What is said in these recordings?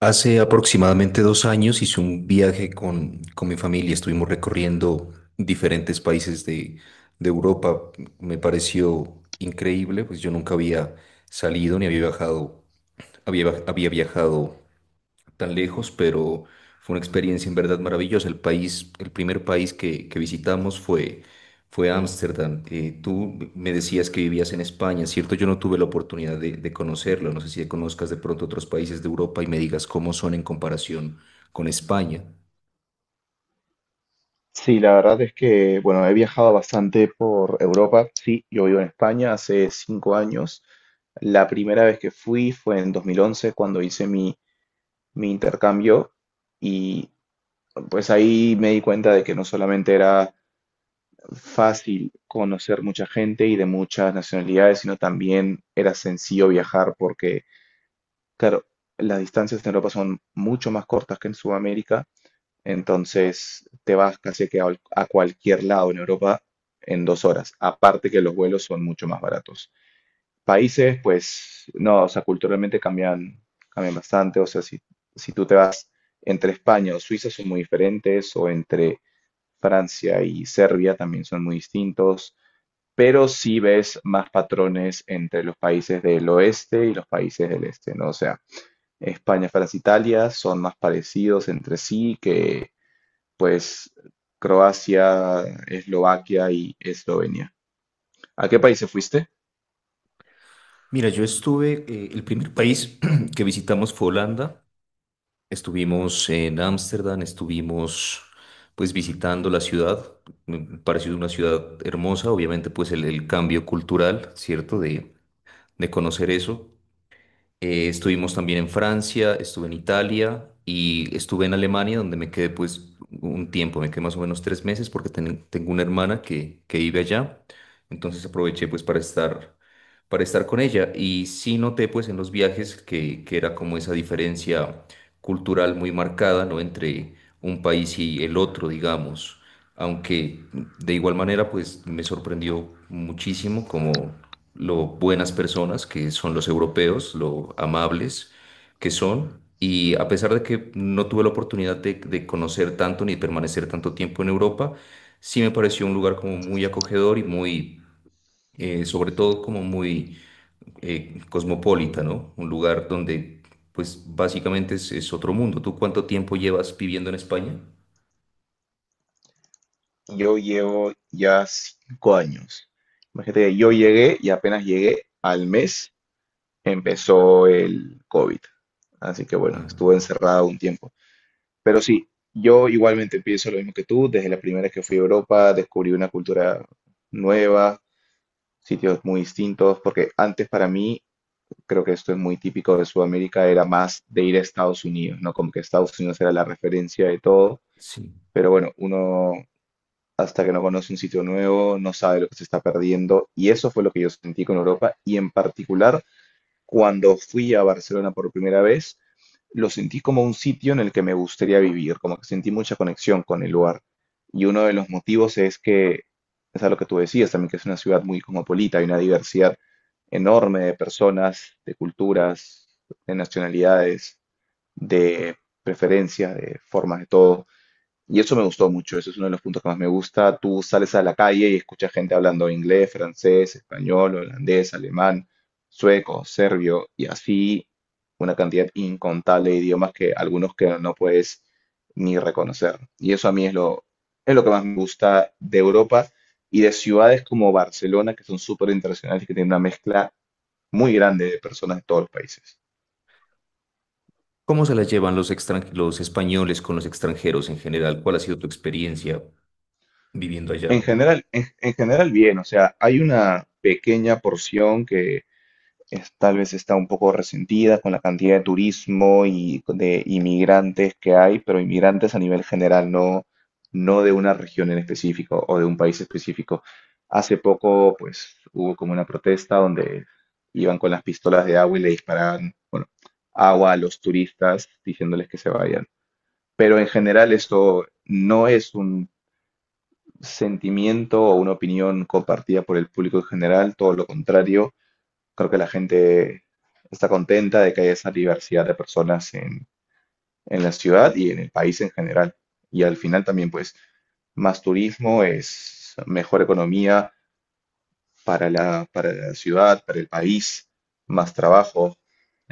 Hace aproximadamente 2 años hice un viaje con mi familia. Estuvimos recorriendo diferentes países de Europa. Me pareció increíble, pues yo nunca había salido ni había había viajado tan lejos, pero fue una experiencia en verdad maravillosa. El país, el primer país que visitamos fue Ámsterdam. Tú me decías que vivías en España, ¿cierto? Yo no tuve la oportunidad de conocerlo. No sé si conozcas de pronto otros países de Europa y me digas cómo son en comparación con España. Sí, la verdad es que, bueno, he viajado bastante por Europa. Sí, yo vivo en España hace 5 años. La primera vez que fui fue en 2011, cuando hice mi intercambio. Y pues ahí me di cuenta de que no solamente era fácil conocer mucha gente y de muchas nacionalidades, sino también era sencillo viajar porque, claro, las distancias en Europa son mucho más cortas que en Sudamérica, entonces te vas casi que a cualquier lado en Europa en 2 horas. Aparte que los vuelos son mucho más baratos. Países, pues no, o sea, culturalmente cambian, cambian bastante. O sea, si tú te vas entre España o Suiza son muy diferentes, o entre Francia y Serbia también son muy distintos. Pero sí ves más patrones entre los países del oeste y los países del este, ¿no? O sea, España, Francia, Italia son más parecidos entre sí que pues Croacia, Eslovaquia y Eslovenia. ¿A qué países fuiste? Mira, yo estuve, el primer país que visitamos fue Holanda. Estuvimos en Ámsterdam, estuvimos pues visitando la ciudad, me pareció una ciudad hermosa, obviamente pues el cambio cultural, ¿cierto? De conocer eso. Estuvimos también en Francia, estuve en Italia y estuve en Alemania donde me quedé pues un tiempo, me quedé más o menos 3 meses porque tengo una hermana que vive allá, entonces aproveché pues para estar con ella y sí noté pues en los viajes que era como esa diferencia cultural muy marcada, ¿no? Entre un país y el otro, digamos. Aunque de igual manera, pues me sorprendió muchísimo como lo buenas personas que son los europeos, lo amables que son. Y a pesar de que no tuve la oportunidad de conocer tanto ni permanecer tanto tiempo en Europa, sí me pareció un lugar como muy acogedor y sobre todo como muy cosmopolita, ¿no? Un lugar donde, pues, básicamente es otro mundo. ¿Tú cuánto tiempo llevas viviendo en España? Yo llevo ya 5 años. Imagínate que yo llegué y apenas llegué al mes empezó el COVID. Así que bueno, estuve Ah, encerrado un tiempo. Pero sí, yo igualmente pienso lo mismo que tú. Desde la primera vez que fui a Europa descubrí una cultura nueva, sitios muy distintos, porque antes para mí creo que esto es muy típico de Sudamérica, era más de ir a Estados Unidos, ¿no? Como que Estados Unidos era la referencia de todo, sí. pero bueno, uno hasta que no conoce un sitio nuevo, no sabe lo que se está perdiendo, y eso fue lo que yo sentí con Europa, y en particular cuando fui a Barcelona por primera vez, lo sentí como un sitio en el que me gustaría vivir, como que sentí mucha conexión con el lugar. Y uno de los motivos es que, es a lo que tú decías también, que es una ciudad muy cosmopolita, hay una diversidad enorme de personas, de culturas, de nacionalidades, de preferencias, de formas de todo. Y eso me gustó mucho, eso es uno de los puntos que más me gusta. Tú sales a la calle y escuchas gente hablando inglés, francés, español, holandés, alemán, sueco, serbio y así una cantidad incontable de idiomas que algunos que no puedes ni reconocer. Y eso a mí es lo que más me gusta de Europa y de ciudades como Barcelona, que son súper internacionales y que tienen una mezcla muy grande de personas de todos los países. ¿Cómo se las llevan los los españoles con los extranjeros en general? ¿Cuál ha sido tu experiencia viviendo allá? En general, en general bien, o sea, hay una pequeña porción que tal vez está un poco resentida con la cantidad de turismo y de inmigrantes que hay, pero inmigrantes a nivel general, no de una región en específico o de un país específico. Hace poco, pues, hubo como una protesta donde iban con las pistolas de agua y le disparaban, bueno, agua a los turistas diciéndoles que se vayan. Pero en general esto no es un sentimiento o una opinión compartida por el público en general, todo lo contrario. Creo que la gente está contenta de que haya esa diversidad de personas en la ciudad y en el país en general. Y al final también, pues, más turismo es mejor economía para la ciudad, para el país, más trabajo.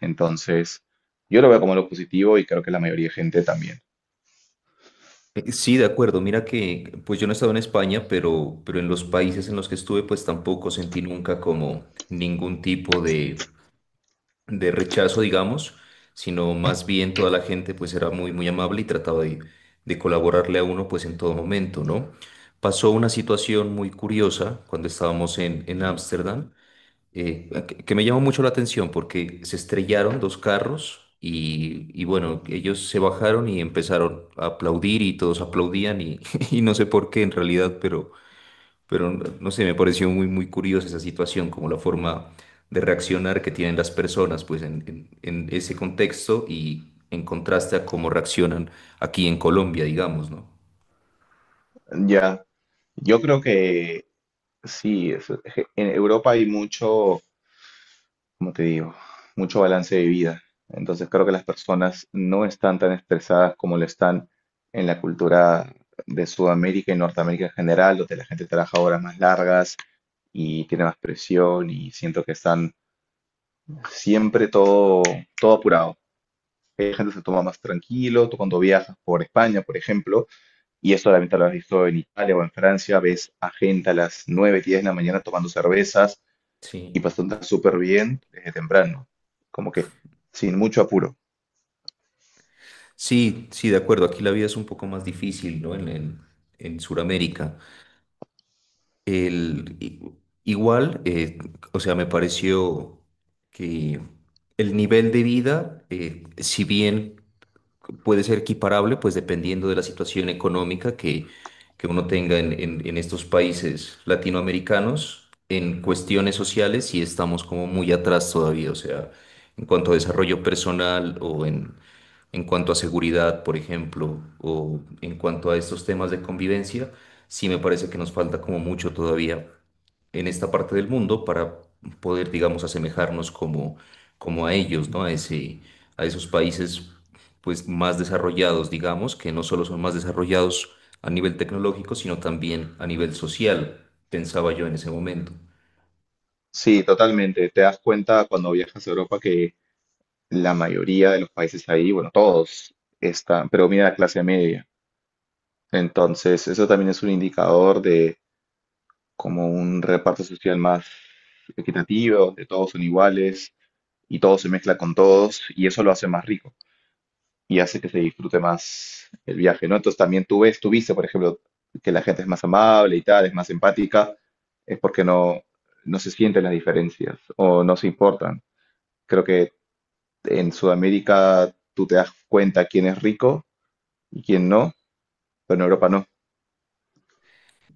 Entonces, yo lo veo como lo positivo y creo que la mayoría de gente también. Sí, de acuerdo. Mira que, pues yo no he estado en España, pero en los países en los que estuve, pues tampoco sentí nunca como ningún tipo de rechazo, digamos, sino más bien toda la gente pues era muy amable y trataba de colaborarle a uno pues en todo momento, ¿no? Pasó una situación muy curiosa cuando estábamos en Ámsterdam, que me llamó mucho la atención porque se estrellaron dos carros. Y bueno, ellos se bajaron y empezaron a aplaudir y todos aplaudían y, y no sé por qué en realidad, pero no sé, me pareció muy curiosa esa situación, como la forma de reaccionar que tienen las personas, pues en, en ese contexto y en contraste a cómo reaccionan aquí en Colombia, digamos, ¿no? Ya, yo creo que sí, en Europa hay mucho, como te digo, mucho balance de vida. Entonces creo que las personas no están tan estresadas como lo están en la cultura de Sudamérica y Norteamérica en general, donde la gente trabaja horas más largas y tiene más presión y siento que están siempre todo apurado. Hay gente que se toma más tranquilo, tú cuando viajas por España, por ejemplo, y eso la lo has visto en Italia o en Francia, ves a gente a las 9, 10 de la mañana tomando cervezas y Sí. pasó tan súper bien desde temprano, como que sin mucho apuro. Sí, sí, de acuerdo. Aquí la vida es un poco más difícil, ¿no? En Sudamérica. El, i- igual, o sea, me pareció que el nivel de vida, si bien puede ser equiparable, pues dependiendo de la situación económica que uno tenga en, en estos países latinoamericanos. En cuestiones sociales sí estamos como muy atrás todavía, o sea, en cuanto a desarrollo personal o en cuanto a seguridad, por ejemplo, o en cuanto a estos temas de convivencia, sí me parece que nos falta como mucho todavía en esta parte del mundo para poder, digamos, asemejarnos como, como a ellos, ¿no? A ese, a esos países, pues, más desarrollados, digamos, que no solo son más desarrollados a nivel tecnológico, sino también a nivel social, pensaba yo en ese momento. Sí, totalmente. Te das cuenta cuando viajas a Europa que la mayoría de los países ahí, bueno, todos están, pero mira, clase media. Entonces, eso también es un indicador de como un reparto social más equitativo, de todos son iguales y todo se mezcla con todos y eso lo hace más rico, y hace que se disfrute más el viaje, ¿no? Entonces también tú ves, tú viste, por ejemplo, que la gente es más amable y tal, es más empática, es porque no se sienten las diferencias o no se importan. Creo que en Sudamérica tú te das cuenta quién es rico y quién no, pero en Europa no.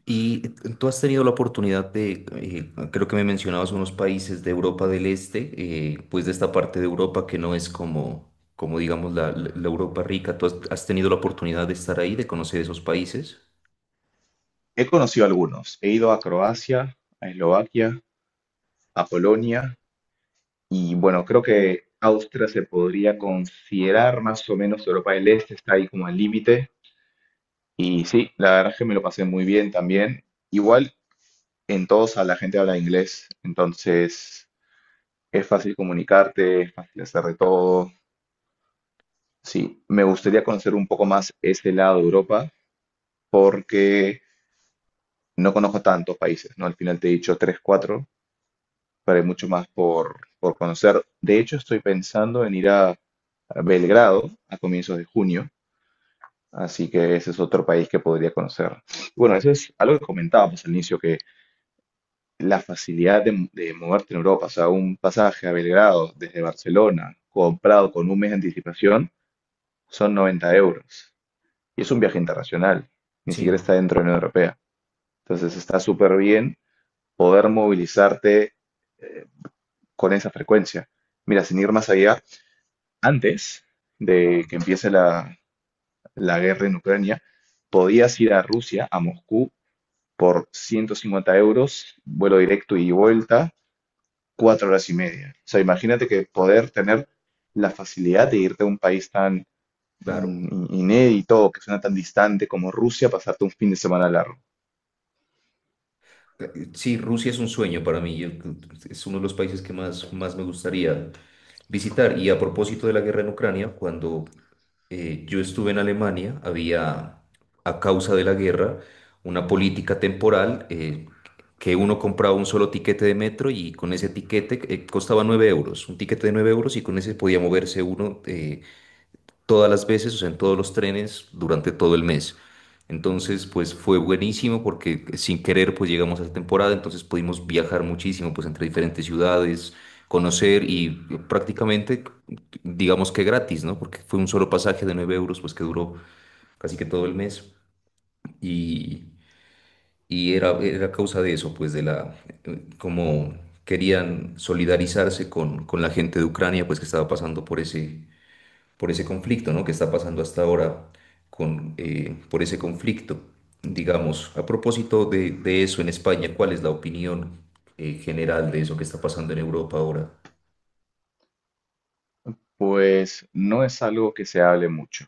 Y tú has tenido la oportunidad de creo que me mencionabas unos países de Europa del Este, pues de esta parte de Europa que no es como, como digamos la Europa rica. ¿Tú has tenido la oportunidad de estar ahí, de conocer esos países? He conocido algunos, he ido a Croacia, a Eslovaquia, a Polonia y bueno, creo que Austria se podría considerar más o menos Europa del Este, está ahí como al límite. Y sí, la verdad es que me lo pasé muy bien también. Igual en Todosa la gente habla inglés, entonces es fácil comunicarte, es fácil hacer de todo. Sí, me gustaría conocer un poco más ese lado de Europa porque no conozco tantos países, ¿no? Al final te he dicho tres, cuatro, pero hay mucho más por conocer. De hecho, estoy pensando en ir a Belgrado a comienzos de junio, así que ese es otro país que podría conocer. Bueno, eso es algo que comentábamos al inicio, la facilidad de moverte en Europa, o sea, un pasaje a Belgrado desde Barcelona, comprado con un mes de anticipación, son 90 euros. Y es un viaje internacional, ni siquiera Sí. está dentro de la Unión Europea. Entonces está súper bien poder movilizarte eh, con esa frecuencia. Mira, sin ir más allá, antes de que empiece la guerra en Ucrania, podías ir a Rusia, a Moscú, por 150 euros, vuelo directo y vuelta, 4 horas y media. O sea, imagínate que poder tener la facilidad de irte a un país tan Claro. Inédito, que suena tan distante como Rusia, pasarte un fin de semana largo. Sí, Rusia es un sueño para mí. Es uno de los países que más me gustaría visitar. Y a propósito de la guerra en Ucrania, cuando yo estuve en Alemania, había, a causa de la guerra, una política temporal que uno compraba un solo tiquete de metro y con ese tiquete costaba 9 euros. Un tiquete de 9 euros y con ese podía moverse uno, todas las veces, o sea, en todos los trenes durante todo el mes. Entonces, pues fue buenísimo porque sin querer, pues llegamos a esa temporada, entonces pudimos viajar muchísimo, pues entre diferentes ciudades, conocer y prácticamente, digamos que gratis, ¿no? Porque fue un solo pasaje de 9 euros, pues que duró casi que todo el mes. Y, y era, era causa de eso, pues de la, como querían solidarizarse con la gente de Ucrania, pues que estaba pasando por ese conflicto, ¿no? Que está pasando hasta ahora con, por ese conflicto. Digamos, a propósito de eso en España, ¿cuál es la opinión general de eso que está pasando en Europa ahora? Pues no es algo que se hable mucho.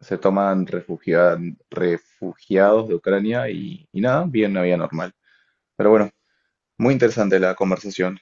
Se toman refugiados de Ucrania y nada, bien una vida normal. Pero bueno, muy interesante la conversación.